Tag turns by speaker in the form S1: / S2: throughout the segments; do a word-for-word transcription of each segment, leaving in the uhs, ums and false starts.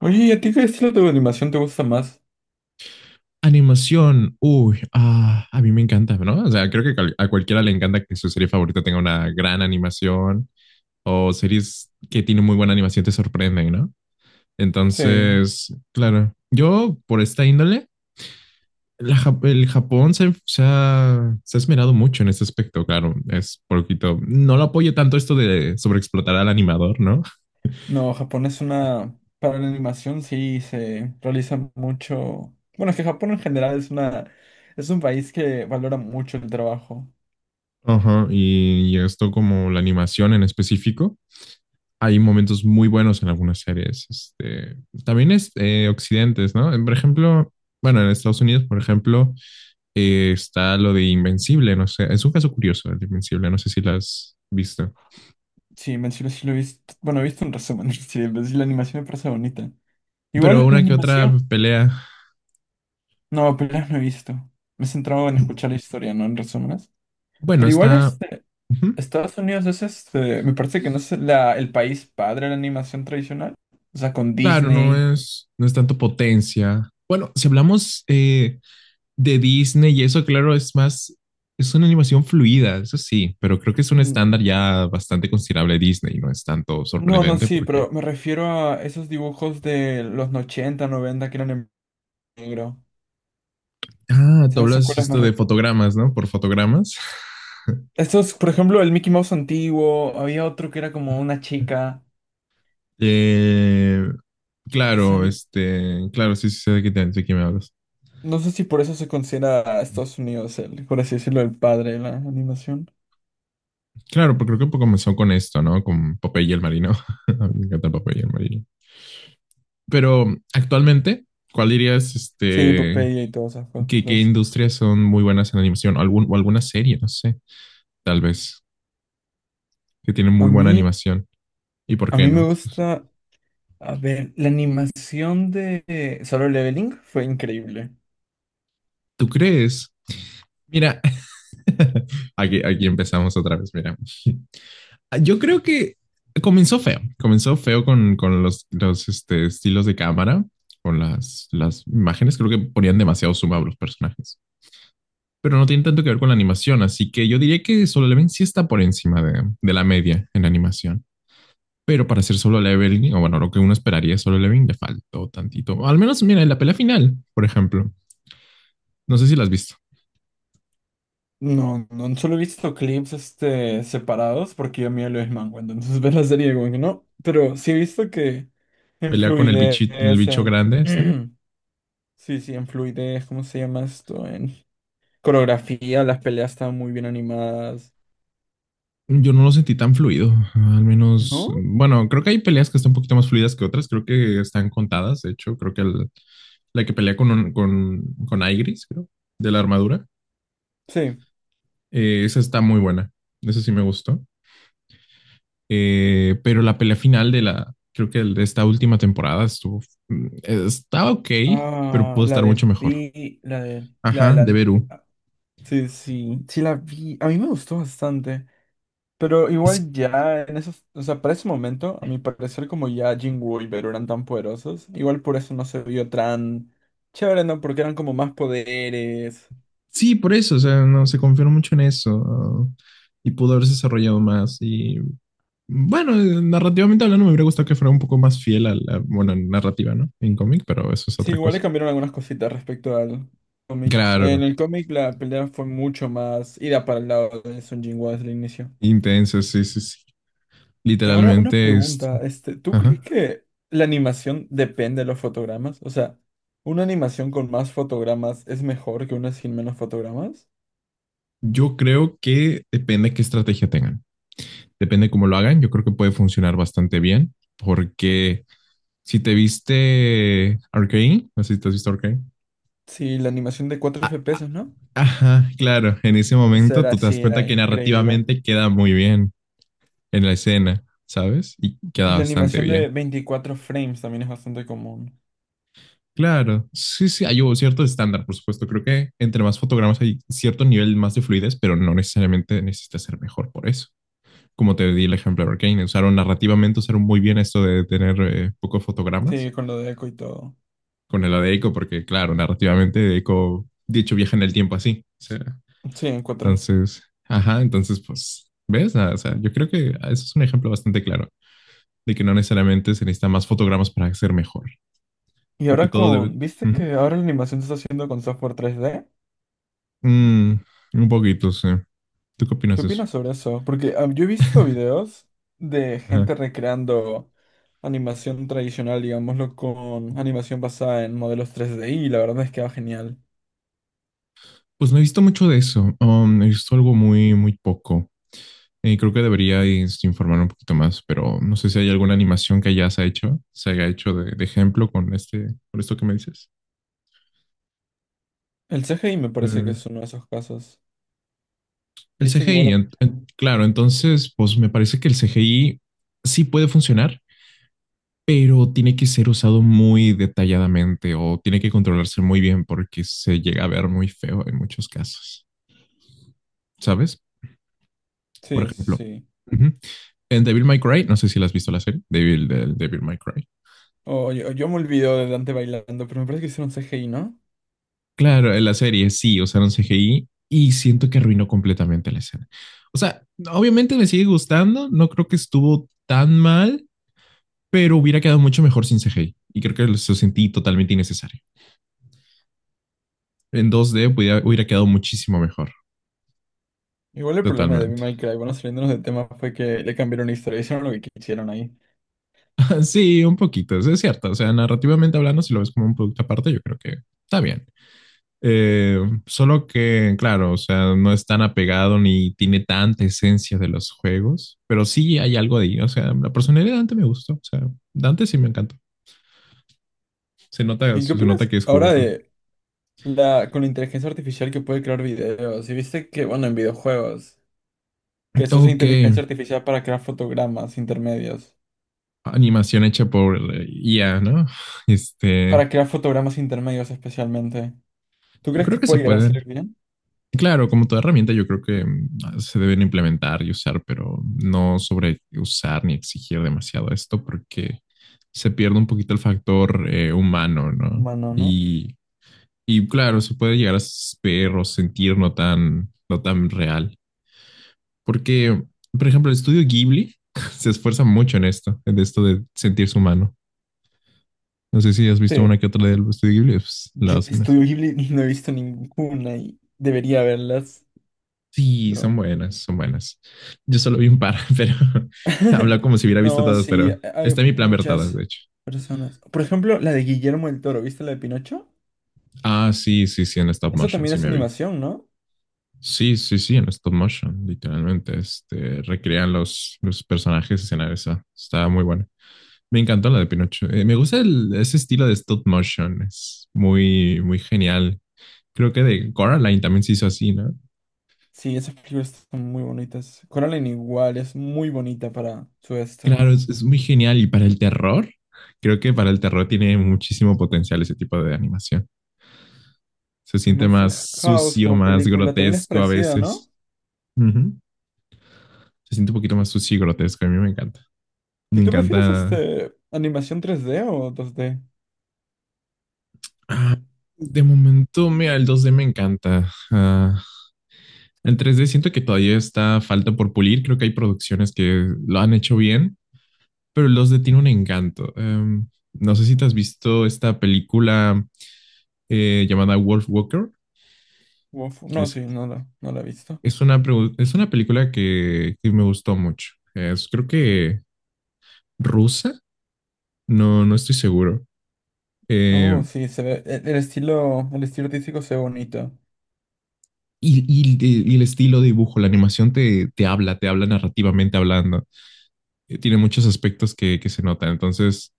S1: Oye, ¿y a ti qué estilo de animación te gusta más?
S2: Animación, uy, ah, a mí me encanta, ¿no? O sea, creo que cal- a cualquiera le encanta que su serie favorita tenga una gran animación o series que tienen muy buena animación te sorprenden, ¿no?
S1: Sí.
S2: Entonces, claro, yo por esta índole, la Jap- el Japón se, se ha, se ha esmerado mucho en este aspecto, claro, es poquito, no lo apoyo tanto esto de sobreexplotar al animador, ¿no?
S1: No, Japón es una... Para la animación sí se realiza mucho... Bueno, es que Japón en general es una... Es un país que valora mucho el trabajo.
S2: Ajá, y, y esto como la animación en específico hay momentos muy buenos en algunas series. Este, también es eh, occidentes, ¿no? Por ejemplo, bueno, en Estados Unidos, por ejemplo, eh, está lo de Invencible, no sé, es un caso curioso el de Invencible, no sé si lo has visto.
S1: Sí, en sí lo sí lo he visto... Bueno, he visto un resumen. Sí, en sí la animación me parece bonita.
S2: Pero
S1: Igual la
S2: una que otra
S1: animación...
S2: pelea,
S1: No, peleas no he visto. Me he centrado en escuchar la historia, no en resúmenes.
S2: bueno,
S1: Pero igual
S2: está,
S1: este...
S2: ujú,
S1: Estados Unidos es este... Me parece que no es la- el país padre de la animación tradicional. O sea, con
S2: claro, no
S1: Disney.
S2: es, no es tanto potencia. Bueno, si hablamos eh, de Disney y eso, claro, es más, es una animación fluida, eso sí, pero creo que es un
S1: Mm.
S2: estándar ya bastante considerable de Disney, no es tanto
S1: No, no,
S2: sorprendente
S1: sí,
S2: porque,
S1: pero me refiero a esos dibujos de los ochenta, noventa que eran en negro.
S2: ah, tú
S1: ¿Sabes a
S2: hablas
S1: cuáles me
S2: esto de
S1: refiero?
S2: fotogramas, ¿no? Por fotogramas.
S1: Estos, por ejemplo, el Mickey Mouse antiguo, había otro que era como una chica.
S2: Eh,
S1: Es
S2: claro,
S1: ani-
S2: este, claro, sí, sí, sé de qué, te- de qué me hablas.
S1: No sé si por eso se considera a Estados Unidos el, por así decirlo, el padre de la animación.
S2: Claro, porque creo que comenzó con esto, ¿no? Con Popeye y el Marino. A mí me encanta Popeye y el Marino. Pero actualmente, ¿cuál dirías,
S1: Sí,
S2: este,
S1: Popeye y todas esas
S2: ¿qué, qué
S1: cosas.
S2: industrias son muy buenas en animación? Algún, o alguna serie, no sé, tal vez, que tienen
S1: A
S2: muy buena
S1: mí,
S2: animación. ¿Y por
S1: a
S2: qué
S1: mí me
S2: no?
S1: gusta, a ver, la animación de Solo Leveling fue increíble.
S2: ¿Tú crees? Mira, aquí, aquí empezamos otra vez, mira. Yo creo que comenzó feo, comenzó feo con, con los, los este, estilos de cámara, con las, las imágenes, creo que ponían demasiado suma a los personajes, pero no tiene tanto que ver con la animación, así que yo diría que Solo Leveling sí está por encima de, de la media en animación. Pero para hacer solo leveling, o bueno, lo que uno esperaría solo leveling, le faltó tantito. O al menos, mira, en la pelea final, por ejemplo. No sé si la has visto.
S1: No, no, solo he visto clips este, separados porque yo miro lo es manga, entonces ves la serie como que no, pero sí he visto que en
S2: Pelea con el,
S1: fluidez,
S2: bichito, el bicho
S1: en...
S2: grande este.
S1: Sí, sí, en fluidez, ¿cómo se llama esto? En coreografía, las peleas están muy bien animadas,
S2: Yo no lo sentí tan fluido. Al menos,
S1: ¿no?
S2: bueno, creo que hay peleas que están un poquito más fluidas que otras. Creo que están contadas. De hecho, creo que el- la que pelea con, un- con, con Aigris, creo, de la armadura,
S1: Sí.
S2: eh, esa está muy buena. Esa sí me gustó. Eh, pero la pelea final de la, creo que de esta última temporada estuvo, mm, está ok, pero
S1: Ah,
S2: pudo
S1: la
S2: estar
S1: de
S2: mucho mejor.
S1: Vi, la de... La de
S2: Ajá, de
S1: la...
S2: Beru.
S1: Sí, sí, sí la vi, a mí me gustó bastante. Pero
S2: Es-
S1: igual ya en esos, o sea, para ese momento, a mi parecer, como ya Jinwoo y Beru eran tan poderosos, igual por eso no se vio tan chévere, ¿no? Porque eran como más poderes.
S2: sí, por eso, o sea, no se confió mucho en eso y pudo haberse desarrollado más. Y bueno, narrativamente hablando, me hubiera gustado que fuera un poco más fiel a la, bueno, narrativa, ¿no? En cómic, pero eso es
S1: Sí,
S2: otra
S1: igual
S2: cosa.
S1: le cambiaron algunas cositas respecto al cómic. En
S2: Claro,
S1: el cómic la pelea fue mucho más ida para el lado de Sun Jinwoo desde el inicio.
S2: intenso, sí, sí, sí.
S1: Y ahora una
S2: Literalmente, este,
S1: pregunta, este, ¿tú crees
S2: ajá.
S1: que la animación depende de los fotogramas? O sea, ¿una animación con más fotogramas es mejor que una sin menos fotogramas?
S2: Yo creo que depende de qué estrategia tengan. Depende cómo lo hagan, yo creo que puede funcionar bastante bien, porque si te viste Arcane, no sé si te has visto Arcane.
S1: Sí, la animación de cuatro F P S, ¿no?
S2: Ajá, claro, en ese
S1: Eso
S2: momento
S1: era,
S2: tú te das
S1: sí, era
S2: cuenta que
S1: increíble.
S2: narrativamente queda muy bien en la escena, ¿sabes? Y
S1: Y
S2: queda
S1: la
S2: bastante
S1: animación de
S2: bien.
S1: veinticuatro frames también es bastante común.
S2: Claro, sí, sí, hay un cierto estándar, por supuesto. Creo que entre más fotogramas hay cierto nivel más de fluidez, pero no necesariamente necesita ser mejor por eso. Como te di el ejemplo de Arcane, usaron narrativamente, usaron muy bien esto de tener eh, pocos fotogramas
S1: Sí, con lo de Echo y todo.
S2: con lo de Eiko, porque claro, narrativamente Eiko, de hecho, viaja en el tiempo así. O sea,
S1: Sí, en cuatro.
S2: entonces, ajá, entonces, pues, ¿ves? Ah, O sea, yo creo que eso es un ejemplo bastante claro de que no necesariamente se necesitan más fotogramas para ser mejor.
S1: Y
S2: Creo que
S1: ahora
S2: todo debe...
S1: con, ¿viste
S2: Ujú.
S1: que ahora la animación se está haciendo con software tres D?
S2: Mm, un poquito, sí. ¿Tú qué opinas
S1: ¿Qué
S2: de eso?
S1: opinas sobre eso? Porque ah, yo he visto videos de
S2: Ajá.
S1: gente recreando animación tradicional, digámoslo, con animación basada en modelos tres D y la verdad es que va genial.
S2: Pues no he visto mucho de eso. Um, he visto algo muy, muy poco. Y creo que debería informar un poquito más, pero no sé si hay alguna animación que ya se ha hecho, se haya hecho de, de ejemplo con este, con esto que me dices.
S1: El C G I me parece que
S2: Eh,
S1: es uno de esos casos.
S2: el
S1: ¿Viste que
S2: C G I,
S1: igual...
S2: en- en- claro, entonces, pues me parece que el C G I sí puede funcionar, pero tiene que ser usado muy detalladamente o tiene que controlarse muy bien porque se llega a ver muy feo en muchos casos, ¿sabes? Por
S1: Sí,
S2: ejemplo,
S1: sí.
S2: ujú, en Devil May Cry, no sé si la has visto la serie, Devil, del Devil May Cry.
S1: Oh, yo, yo me olvido de Dante bailando, pero me parece que hicieron C G I, ¿no?
S2: Claro, en la serie sí usaron C G I y siento que arruinó completamente la escena. O sea, obviamente me sigue gustando, no creo que estuvo tan mal pero hubiera quedado mucho mejor sin C G I y creo que lo sentí totalmente innecesario. En dos d hubiera, hubiera quedado muchísimo mejor,
S1: Igual el problema de Devil
S2: totalmente.
S1: May Cry, bueno, saliéndonos del tema, fue que le cambiaron la historia, hicieron lo que quisieron ahí.
S2: Sí, un poquito, es cierto. O sea, narrativamente hablando, si lo ves como un producto aparte, yo creo que está bien. Eh, solo que, claro, o sea, no es tan apegado ni tiene tanta esencia de los juegos, pero sí hay algo de ahí. O sea, la personalidad de Dante me gustó. O sea, Dante sí me encantó. Se nota,
S1: ¿Y qué
S2: se nota
S1: opinas
S2: que es
S1: ahora
S2: juguetón.
S1: de la con la inteligencia artificial que puede crear videos? Y viste que, bueno, en videojuegos, que se usa
S2: Ok,
S1: inteligencia artificial para crear fotogramas intermedios,
S2: animación hecha por I A, ¿no? Este,
S1: para crear fotogramas intermedios especialmente. ¿Tú
S2: yo
S1: crees
S2: creo
S1: que
S2: que se
S1: puede llegar a
S2: pueden.
S1: salir bien?
S2: Claro, como toda herramienta, yo creo que mm, se deben implementar y usar, pero no sobre usar ni exigir demasiado esto porque se pierde un poquito el factor eh, humano, ¿no?
S1: Bueno, ¿no?
S2: Y, y claro, se puede llegar a ver o sentir no tan, no tan real. Porque, por ejemplo, el estudio Ghibli se esfuerza mucho en esto, en esto de sentirse humano. No sé si has visto
S1: Sí.
S2: una que otra del estudio Ghibli, pues la
S1: Yo
S2: hacen
S1: estudio
S2: así.
S1: Ghibli y no he visto ninguna y debería verlas.
S2: Sí, son
S1: Pero
S2: buenas, son buenas. Yo solo vi un par, pero habla como si hubiera visto
S1: no,
S2: todas,
S1: sí,
S2: pero
S1: hay
S2: está en mi plan ver todas, de
S1: muchas
S2: hecho.
S1: personas. Por ejemplo, la de Guillermo el Toro, ¿viste la de Pinocho?
S2: Ah, sí, sí, sí, en stop
S1: Eso
S2: motion,
S1: también
S2: sí
S1: es
S2: me vi.
S1: animación, ¿no?
S2: Sí, sí, sí, en stop motion, literalmente. Este, recrean los, los personajes, escenarios. Esa. Está muy buena. Me encantó la de Pinocho. Eh, me gusta el- ese estilo de stop motion, es muy, muy genial. Creo que de Coraline también se hizo así, ¿no?
S1: Sí, esas películas están muy bonitas. Coraline igual, es muy bonita para su esto.
S2: Claro, es, es muy genial. Y para el terror, creo que para el terror tiene muchísimo potencial ese tipo de animación. Se
S1: Y
S2: siente
S1: Monster
S2: más
S1: House
S2: sucio,
S1: como
S2: más
S1: película también es
S2: grotesco a
S1: parecida, ¿no?
S2: veces. Ujú. Se siente un poquito más sucio y grotesco. A mí me encanta.
S1: ¿Y
S2: Me
S1: tú prefieres este
S2: encanta.
S1: animación tres d o dos d?
S2: Ah, de momento, mira, el dos d me encanta. Ah, el tres D siento que todavía está falta por pulir. Creo que hay producciones que lo han hecho bien, pero el dos d tiene un encanto. Em, no sé si te has visto esta película eh, llamada Wolf Walker,
S1: Uf,
S2: que
S1: no,
S2: es,
S1: sí, no la, no la he visto.
S2: es una, preu- es una película que, que me gustó mucho. Es, creo que rusa. No, no estoy seguro. Eh,
S1: Oh, sí, se ve, el, el estilo, el estilo artístico se ve bonito.
S2: y, y- y el estilo de dibujo, la animación te, te habla, te habla narrativamente hablando. Eh, Tiene muchos aspectos que, que se notan. Entonces,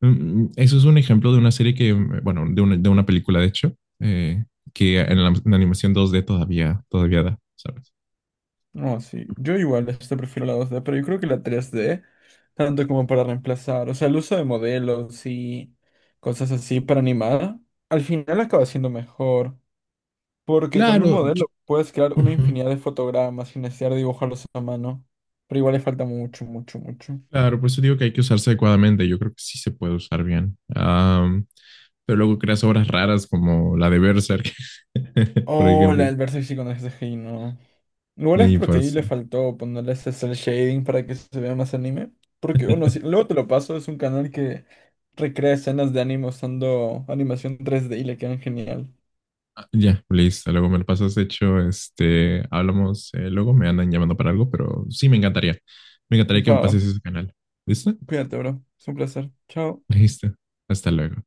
S2: mm, mm, eso es un ejemplo de una serie que, mm, bueno, de una, de una película, de hecho, eh, que en la, en animación dos d todavía, todavía da, ¿sabes?
S1: No, sí. Yo igual este prefiero la dos d, pero yo creo que la tres d tanto como para reemplazar, o sea, el uso de modelos y cosas así para animar, al final acaba siendo mejor, porque con un
S2: Claro, yo-
S1: modelo puedes crear una
S2: ujú.
S1: infinidad de fotogramas sin necesidad de dibujarlos a mano, pero igual le falta mucho, mucho, mucho.
S2: Claro, por eso digo que hay que usarse adecuadamente. Yo creo que sí se puede usar bien. Am, pero luego creas obras raras como la de Berserk, por
S1: Oh, la
S2: ejemplo.
S1: del Versace con el C G I, no. ¿No es
S2: Y
S1: porque ahí
S2: pues,
S1: le faltó ponerle ese cel shading para que se vea más anime? Porque, bueno, sí, luego te lo paso, es un canal que recrea escenas de anime usando animación tres d y le quedan genial.
S2: ah, ya, listo. Luego me lo pasas hecho. Este, hablamos. eh, luego me andan llamando para algo, pero sí me encantaría. Me encantaría que me
S1: Pa,
S2: pases ese canal. ¿Listo?
S1: cuídate, bro. Es un placer. Chao.
S2: Listo. Hasta luego.